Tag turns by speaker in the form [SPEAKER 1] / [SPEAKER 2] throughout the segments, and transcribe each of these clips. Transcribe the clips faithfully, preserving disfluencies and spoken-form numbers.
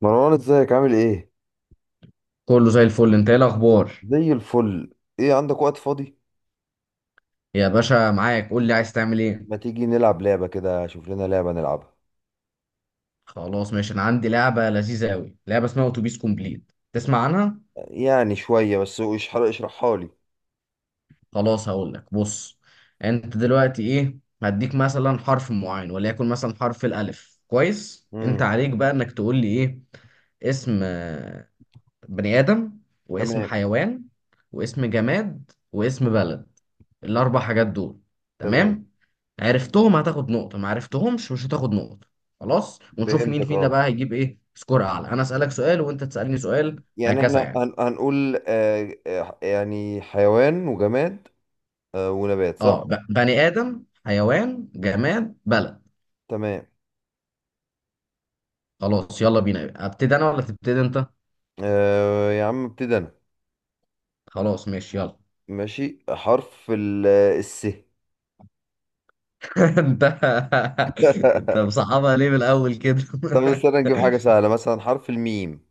[SPEAKER 1] مروان ازيك عامل ايه؟
[SPEAKER 2] كله زي الفل، انت ايه الاخبار؟
[SPEAKER 1] زي الفل. ايه عندك وقت فاضي؟
[SPEAKER 2] يا باشا معاك، قول لي عايز تعمل ايه.
[SPEAKER 1] ما تيجي نلعب لعبة كده، شوف لنا لعبة نلعبها.
[SPEAKER 2] خلاص ماشي. انا عندي لعبه لذيذه قوي، لعبه اسمها اتوبيس كومبليت. تسمع عنها؟
[SPEAKER 1] يعني شوية، بس اشرح اشرحها لي.
[SPEAKER 2] خلاص هقول لك. بص، انت دلوقتي ايه، هديك مثلا حرف معين، وليكن مثلا حرف الالف. كويس، انت
[SPEAKER 1] امم
[SPEAKER 2] عليك بقى انك تقول لي ايه اسم آه، بني ادم، واسم
[SPEAKER 1] تمام.
[SPEAKER 2] حيوان، واسم جماد، واسم بلد. الاربع حاجات دول،
[SPEAKER 1] تمام.
[SPEAKER 2] تمام؟ عرفتهم هتاخد نقطة، ما عرفتهمش مش هتاخد نقطة. خلاص، ونشوف مين
[SPEAKER 1] فهمتك،
[SPEAKER 2] فينا
[SPEAKER 1] اه.
[SPEAKER 2] بقى هيجيب ايه سكور اعلى. انا اسألك سؤال وانت تسألني سؤال،
[SPEAKER 1] يعني احنا
[SPEAKER 2] هكذا يعني.
[SPEAKER 1] هن... هنقول آه... آه، يعني حيوان وجماد، آه... ونبات، صح؟
[SPEAKER 2] اه، ب- بني ادم، حيوان، جماد، بلد.
[SPEAKER 1] تمام.
[SPEAKER 2] خلاص يلا بينا، ابتدي انا ولا تبتدي انت؟
[SPEAKER 1] آه... يا عم ابتدي انا.
[SPEAKER 2] خلاص ماشي يلا.
[SPEAKER 1] ماشي، حرف ال... آه، الس
[SPEAKER 2] انت انت مصعبها ليه من الاول كده؟
[SPEAKER 1] طب استنى نجيب حاجة سهلة، مثلا حرف الميم.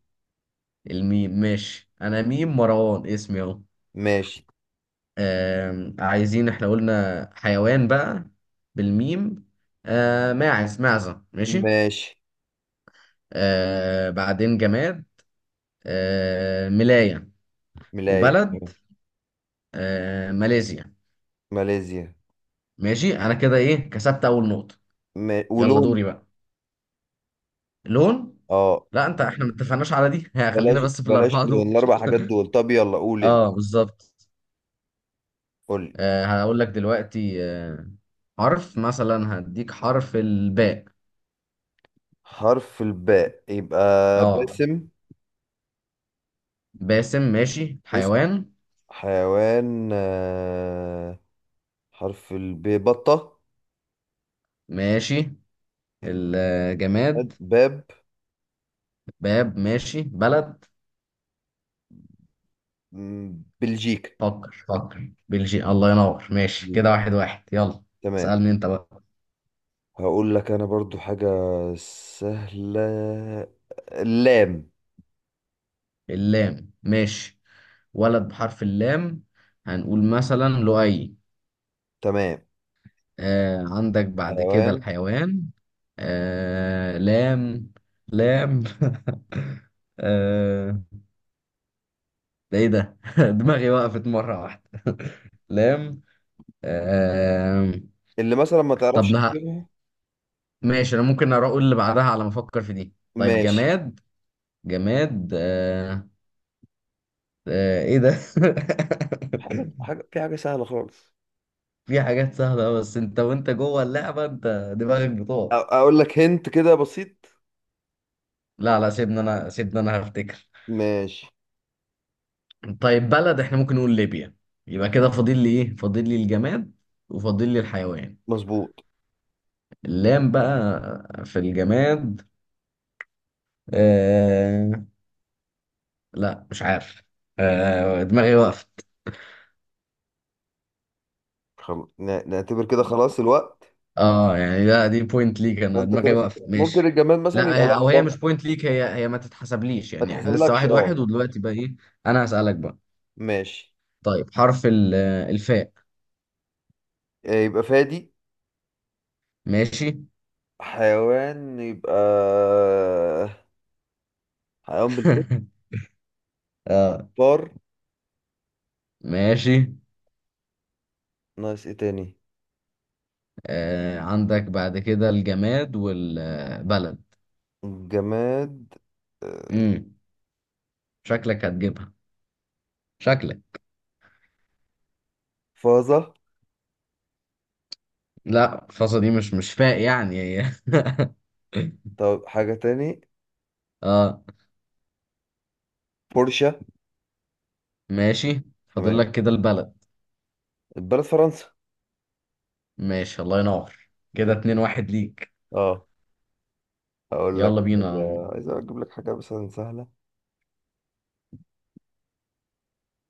[SPEAKER 2] الميم ماشي. انا ميم مروان اسمي اهو.
[SPEAKER 1] ماشي.
[SPEAKER 2] آم، عايزين، احنا قلنا حيوان بقى بالميم. آه، ماعز، معزة. ماشي.
[SPEAKER 1] ماشي.
[SPEAKER 2] آه، بعدين جماد. آه، ملاية.
[SPEAKER 1] ملاية.
[SPEAKER 2] وبلد، آه، ماليزيا.
[SPEAKER 1] ماليزيا.
[SPEAKER 2] ماشي، انا كده ايه كسبت اول نقطة.
[SPEAKER 1] م...
[SPEAKER 2] يلا
[SPEAKER 1] ولون.
[SPEAKER 2] دوري بقى. لون؟
[SPEAKER 1] اه.
[SPEAKER 2] لا انت، احنا ما اتفقناش على دي. ها، خلينا
[SPEAKER 1] بلاش
[SPEAKER 2] بس في
[SPEAKER 1] بلاش،
[SPEAKER 2] الاربعة
[SPEAKER 1] لون
[SPEAKER 2] دول.
[SPEAKER 1] الاربع حاجات دول، طب يلا قول انت.
[SPEAKER 2] اه بالظبط.
[SPEAKER 1] قول لي.
[SPEAKER 2] آه، هقول لك دلوقتي. آه، حرف مثلا هديك حرف الباء.
[SPEAKER 1] حرف الباء يبقى
[SPEAKER 2] اه،
[SPEAKER 1] باسم.
[SPEAKER 2] باسم. ماشي
[SPEAKER 1] اسم
[SPEAKER 2] حيوان.
[SPEAKER 1] حيوان، آه، حرف الب، بطة.
[SPEAKER 2] ماشي الجماد،
[SPEAKER 1] بلد- باب.
[SPEAKER 2] باب. ماشي بلد،
[SPEAKER 1] م، بلجيكا.
[SPEAKER 2] فكر فكر، بلجيكا. الله ينور. ماشي
[SPEAKER 1] بلجيكا.
[SPEAKER 2] كده واحد واحد. يلا
[SPEAKER 1] تمام.
[SPEAKER 2] اسألني انت بقى.
[SPEAKER 1] هقول لك انا برضو حاجة سهلة، اللام.
[SPEAKER 2] اللام ماشي. ولد بحرف اللام هنقول مثلا لؤي.
[SPEAKER 1] تمام.
[SPEAKER 2] آه عندك بعد كده
[SPEAKER 1] حيوان
[SPEAKER 2] الحيوان. آه لام. لام. آه. ده ايه ده؟ دماغي وقفت مرة واحدة. لام. آه.
[SPEAKER 1] اللي مثلا ما
[SPEAKER 2] طب
[SPEAKER 1] تعرفش تجيبها.
[SPEAKER 2] ماشي، انا ممكن اروح اقول اللي بعدها على ما افكر في دي. طيب
[SPEAKER 1] ماشي.
[SPEAKER 2] جماد. جماد، آه. آه ايه ده؟
[SPEAKER 1] حاجة حاجة في حاجة سهلة خالص.
[SPEAKER 2] في حاجات سهله أوي، بس انت وانت جوه اللعبه انت دماغك بتقع.
[SPEAKER 1] اقول لك هنت كده بسيط.
[SPEAKER 2] لا لا، سيبنا انا سيبنا انا هفتكر.
[SPEAKER 1] ماشي.
[SPEAKER 2] طيب بلد، احنا ممكن نقول ليبيا. يبقى كده فاضل لي ايه؟ فاضل لي الجماد وفاضل لي الحيوان.
[SPEAKER 1] مظبوط.
[SPEAKER 2] اللام بقى في الجماد. آه. لا مش عارف. آه دماغي وقفت.
[SPEAKER 1] خل... ن- نعتبر كده خلاص الوقت.
[SPEAKER 2] اه يعني، لا دي بوينت ليك، انا
[SPEAKER 1] انت
[SPEAKER 2] دماغي
[SPEAKER 1] كده خ-
[SPEAKER 2] وقفت
[SPEAKER 1] ممكن
[SPEAKER 2] ماشي.
[SPEAKER 1] الجماد مثلا يبقى
[SPEAKER 2] لا هي- او هي
[SPEAKER 1] لمبة.
[SPEAKER 2] مش بوينت ليك. هي هي ما تتحسبليش
[SPEAKER 1] ما
[SPEAKER 2] يعني. احنا لسه
[SPEAKER 1] تحسبلكش،
[SPEAKER 2] واحد واحد.
[SPEAKER 1] اه.
[SPEAKER 2] ودلوقتي بقى ايه؟ انا هسألك بقى.
[SPEAKER 1] ماشي.
[SPEAKER 2] طيب حرف ال- الفاء.
[SPEAKER 1] آه، يبقى فادي.
[SPEAKER 2] ماشي.
[SPEAKER 1] حيوان يبقى آه، حيوان بالفعل.
[SPEAKER 2] اه
[SPEAKER 1] فار.
[SPEAKER 2] ماشي.
[SPEAKER 1] ناقص ايه تاني؟
[SPEAKER 2] آه عندك بعد كده الجماد والبلد.
[SPEAKER 1] جماد. آه،
[SPEAKER 2] امم شكلك هتجيبها. شكلك.
[SPEAKER 1] فازة.
[SPEAKER 2] لا، الفاصة دي مش مش فاء يعني هي.
[SPEAKER 1] طب حاجة تاني،
[SPEAKER 2] اه
[SPEAKER 1] بورشة.
[SPEAKER 2] ماشي. فاضل
[SPEAKER 1] تمام.
[SPEAKER 2] لك كده البلد.
[SPEAKER 1] البلد فرنسا.
[SPEAKER 2] ماشي، الله ينور.
[SPEAKER 1] زي
[SPEAKER 2] كده اتنين
[SPEAKER 1] الفل.
[SPEAKER 2] واحد ليك.
[SPEAKER 1] اه. اقول لك
[SPEAKER 2] يلا
[SPEAKER 1] حاجة،
[SPEAKER 2] بينا.
[SPEAKER 1] عايز اجيب لك حاجة مثلا سهلة.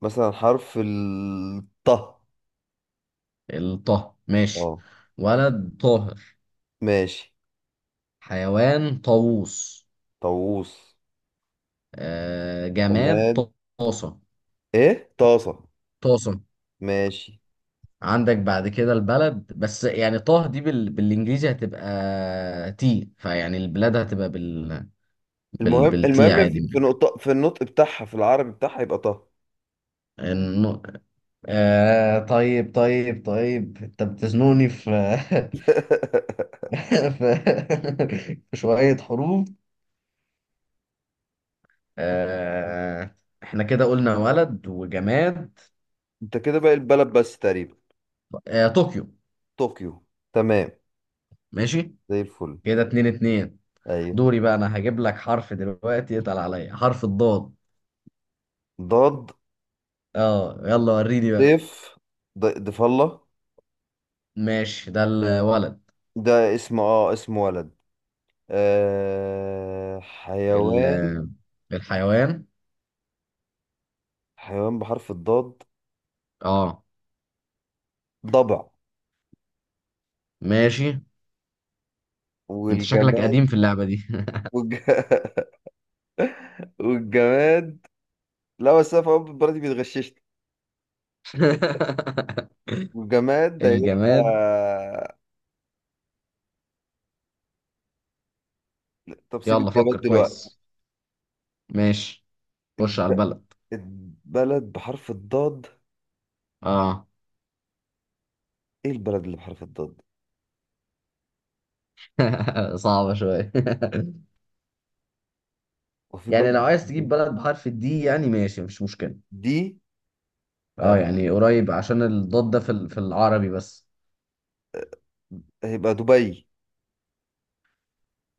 [SPEAKER 1] مثلا حرف الط.
[SPEAKER 2] الطه ماشي.
[SPEAKER 1] اه.
[SPEAKER 2] ولد طاهر.
[SPEAKER 1] ماشي.
[SPEAKER 2] حيوان طاووس.
[SPEAKER 1] طاووس.
[SPEAKER 2] آه جماد.
[SPEAKER 1] طماط.
[SPEAKER 2] طاسة.
[SPEAKER 1] ايه، طاسة؟
[SPEAKER 2] طاسة.
[SPEAKER 1] ماشي.
[SPEAKER 2] عندك بعد كده البلد، بس يعني طه دي بال... بالانجليزي هتبقى تي، فيعني البلاد هتبقى بال... بال...
[SPEAKER 1] المهم
[SPEAKER 2] بالتي
[SPEAKER 1] المهم
[SPEAKER 2] عادي.
[SPEAKER 1] في في نقطة في النطق بتاعها، في العربي بتاعها يبقى طه.
[SPEAKER 2] الن... آه طيب طيب طيب، انت بتزنوني في. في في شوية حروف. آه احنا كده قلنا ولد وجماد.
[SPEAKER 1] انت كده باقي البلد بس تقريبا.
[SPEAKER 2] آه طوكيو.
[SPEAKER 1] طوكيو. تمام.
[SPEAKER 2] ماشي.
[SPEAKER 1] زي الفل.
[SPEAKER 2] كده اتنين اتنين.
[SPEAKER 1] ايوه.
[SPEAKER 2] دوري بقى. انا هجيب لك حرف دلوقتي يتقل عليا، حرف الضاد.
[SPEAKER 1] ضاد.
[SPEAKER 2] اه يلا وريني بقى.
[SPEAKER 1] ضيف. ض- ضيف الله.
[SPEAKER 2] ماشي، ده الولد.
[SPEAKER 1] ده اسم، اه اسم ولد. آه
[SPEAKER 2] ال-
[SPEAKER 1] حيوان.
[SPEAKER 2] الحيوان.
[SPEAKER 1] حيوان بحرف الضاد.
[SPEAKER 2] اه
[SPEAKER 1] ضبع.
[SPEAKER 2] ماشي. انت شكلك
[SPEAKER 1] والجماد.
[SPEAKER 2] قديم في اللعبة دي.
[SPEAKER 1] والج... والجماد. لا بس انا في أول برضه بيتغششني. والجماد ده هيبقى.
[SPEAKER 2] الجماد.
[SPEAKER 1] طب سيب
[SPEAKER 2] يلا
[SPEAKER 1] الجماد
[SPEAKER 2] فكر
[SPEAKER 1] دلوقتي.
[SPEAKER 2] كويس. ماشي. خش على
[SPEAKER 1] الب...
[SPEAKER 2] البلد.
[SPEAKER 1] البلد بحرف الضاد.
[SPEAKER 2] اه.
[SPEAKER 1] ايه البلد اللي بحرف الضاد؟
[SPEAKER 2] صعبة شوية.
[SPEAKER 1] وفي بلد
[SPEAKER 2] يعني لو
[SPEAKER 1] بحرف
[SPEAKER 2] عايز تجيب
[SPEAKER 1] الضاد؟
[SPEAKER 2] بلد بحرف الدي يعني ماشي، مفيش مشكلة.
[SPEAKER 1] دي. آه،
[SPEAKER 2] اه يعني قريب، عشان الضاد ده في ال- في العربي بس.
[SPEAKER 1] هيبقى دبي.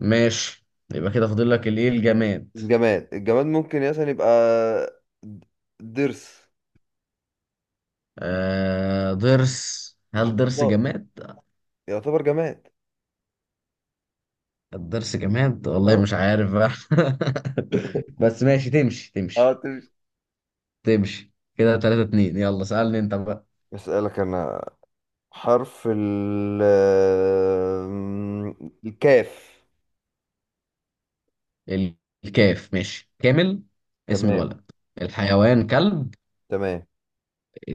[SPEAKER 2] ماشي. يبقى كده فاضل لك الايه، الجماد.
[SPEAKER 1] الجماد، الجماد ممكن مثلا يبقى د- ضرس.
[SPEAKER 2] آه ضرس. هل
[SPEAKER 1] بحرف
[SPEAKER 2] ضرس
[SPEAKER 1] الضاد
[SPEAKER 2] جماد؟
[SPEAKER 1] يعتبر جماد.
[SPEAKER 2] الضرس جماد، والله
[SPEAKER 1] اه.
[SPEAKER 2] مش عارف بقى. بس ماشي، تمشي
[SPEAKER 1] اه
[SPEAKER 2] تمشي
[SPEAKER 1] تمشي.
[SPEAKER 2] تمشي. كده تلاتة اتنين. يلا سألني انت بقى.
[SPEAKER 1] اسألك انا. حرف ال آم، الكاف.
[SPEAKER 2] ال- الكاف ماشي. كامل، اسم
[SPEAKER 1] تمام.
[SPEAKER 2] الولد. الحيوان كلب.
[SPEAKER 1] تمام.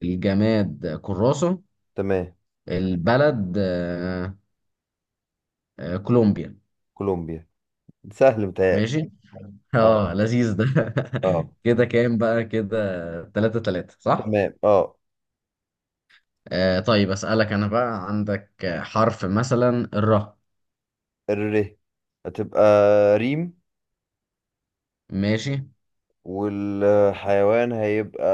[SPEAKER 2] الجماد كراسة.
[SPEAKER 1] تمام.
[SPEAKER 2] البلد، آه آه كولومبيا.
[SPEAKER 1] كولومبيا. سهل متهيألي.
[SPEAKER 2] ماشي.
[SPEAKER 1] اه.
[SPEAKER 2] اه لذيذ ده.
[SPEAKER 1] اه.
[SPEAKER 2] كده كام بقى كده، تلاتة تلاتة صح؟
[SPEAKER 1] تمام. اه.
[SPEAKER 2] آه طيب، أسألك أنا بقى. عندك آه، حرف مثلا الراء.
[SPEAKER 1] الر هتبقى ريم.
[SPEAKER 2] ماشي.
[SPEAKER 1] والحيوان هيبقى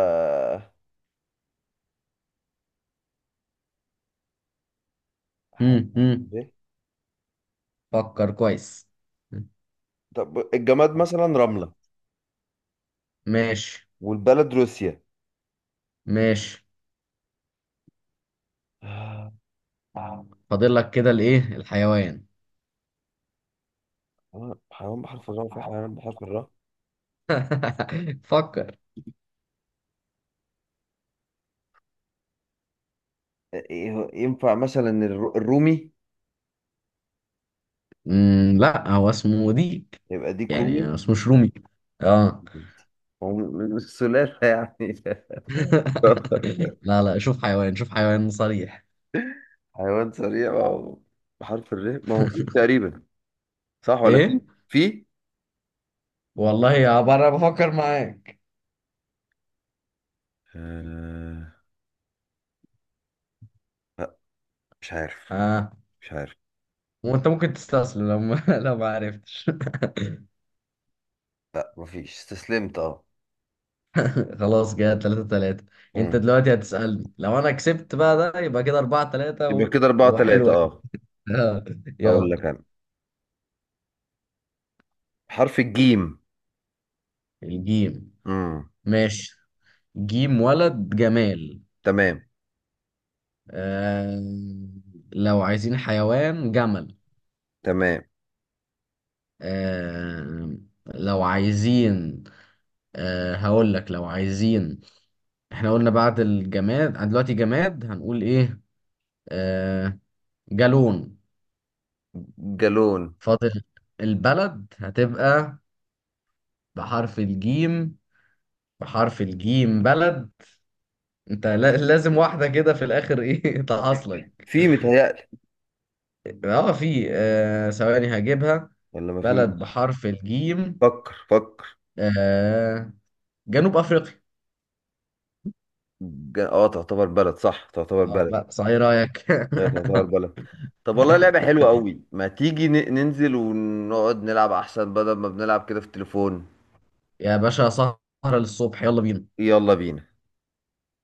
[SPEAKER 1] حيوان
[SPEAKER 2] مم.
[SPEAKER 1] بحرف
[SPEAKER 2] مم.
[SPEAKER 1] ب.
[SPEAKER 2] فكر كويس.
[SPEAKER 1] طب الجماد مثلا رملة.
[SPEAKER 2] ماشي
[SPEAKER 1] والبلد روسيا.
[SPEAKER 2] ماشي.
[SPEAKER 1] آه،
[SPEAKER 2] فاضل لك كده الإيه، الحيوان.
[SPEAKER 1] حيوان بحرف الراء، في حيوان بحرف الراء؟
[SPEAKER 2] فكر.
[SPEAKER 1] آه، إيه- ينفع مثلا الر- الرومي؟
[SPEAKER 2] مم. لا هو اسمه ديك،
[SPEAKER 1] يبقى ديك رومي؟
[SPEAKER 2] يعني اسمه شرومي؟ اه.
[SPEAKER 1] هو م- م- مش سلالة يعني؟
[SPEAKER 2] لا لا، شوف حيوان، شوف حيوان صريح.
[SPEAKER 1] حيوان سريع، ما هو بحرف الر ما هو فيه تقريبا، صح ولا في؟
[SPEAKER 2] ايه،
[SPEAKER 1] في.
[SPEAKER 2] والله يا بره بفكر معاك.
[SPEAKER 1] آه. مش عارف.
[SPEAKER 2] اه.
[SPEAKER 1] مش عارف.
[SPEAKER 2] وانت ممكن تستسلم لو ما لو ما عرفتش.
[SPEAKER 1] لا مفيش استسلمت، اه.
[SPEAKER 2] خلاص كده تلاتة تلاتة. انت
[SPEAKER 1] امم
[SPEAKER 2] دلوقتي هتسألني، لو انا كسبت بقى ده يبقى كده اربعة تلاتة
[SPEAKER 1] يبقى
[SPEAKER 2] و...
[SPEAKER 1] كده أربعة تلاتة،
[SPEAKER 2] وحلوة
[SPEAKER 1] اه.
[SPEAKER 2] كده.
[SPEAKER 1] أقول
[SPEAKER 2] يلا.
[SPEAKER 1] لك أنا، حرف الجيم.
[SPEAKER 2] الجيم
[SPEAKER 1] امم
[SPEAKER 2] ماشي. جيم ولد جمال.
[SPEAKER 1] تمام.
[SPEAKER 2] آه... لو عايزين حيوان، جمل.
[SPEAKER 1] تمام.
[SPEAKER 2] آه... لو عايزين، آه... هقول لك لو عايزين، احنا قلنا بعد الجماد، عن دلوقتي جماد هنقول ايه. آه... جالون.
[SPEAKER 1] جالون.
[SPEAKER 2] فاضل البلد، هتبقى بحرف الجيم. بحرف الجيم بلد، انت لا- لازم واحدة كده في الاخر ايه تحصلك.
[SPEAKER 1] في متهيألي،
[SPEAKER 2] اه في. آه ثواني هجيبها.
[SPEAKER 1] ولا
[SPEAKER 2] بلد
[SPEAKER 1] مفيش؟
[SPEAKER 2] بحرف الجيم.
[SPEAKER 1] فكر فكر.
[SPEAKER 2] آه جنوب افريقيا.
[SPEAKER 1] ج... اه، تعتبر بلد، صح تعتبر
[SPEAKER 2] اه
[SPEAKER 1] بلد.
[SPEAKER 2] بقى صحيح رايك.
[SPEAKER 1] ايوه تعتبر بلد. طب والله لعبة حلوة قوي، ما تيجي ن... ننزل ونقعد نلعب أحسن، بدل ما بنلعب كده في التليفون.
[SPEAKER 2] يا باشا سهرة للصبح، يلا بينا.
[SPEAKER 1] يلا بينا.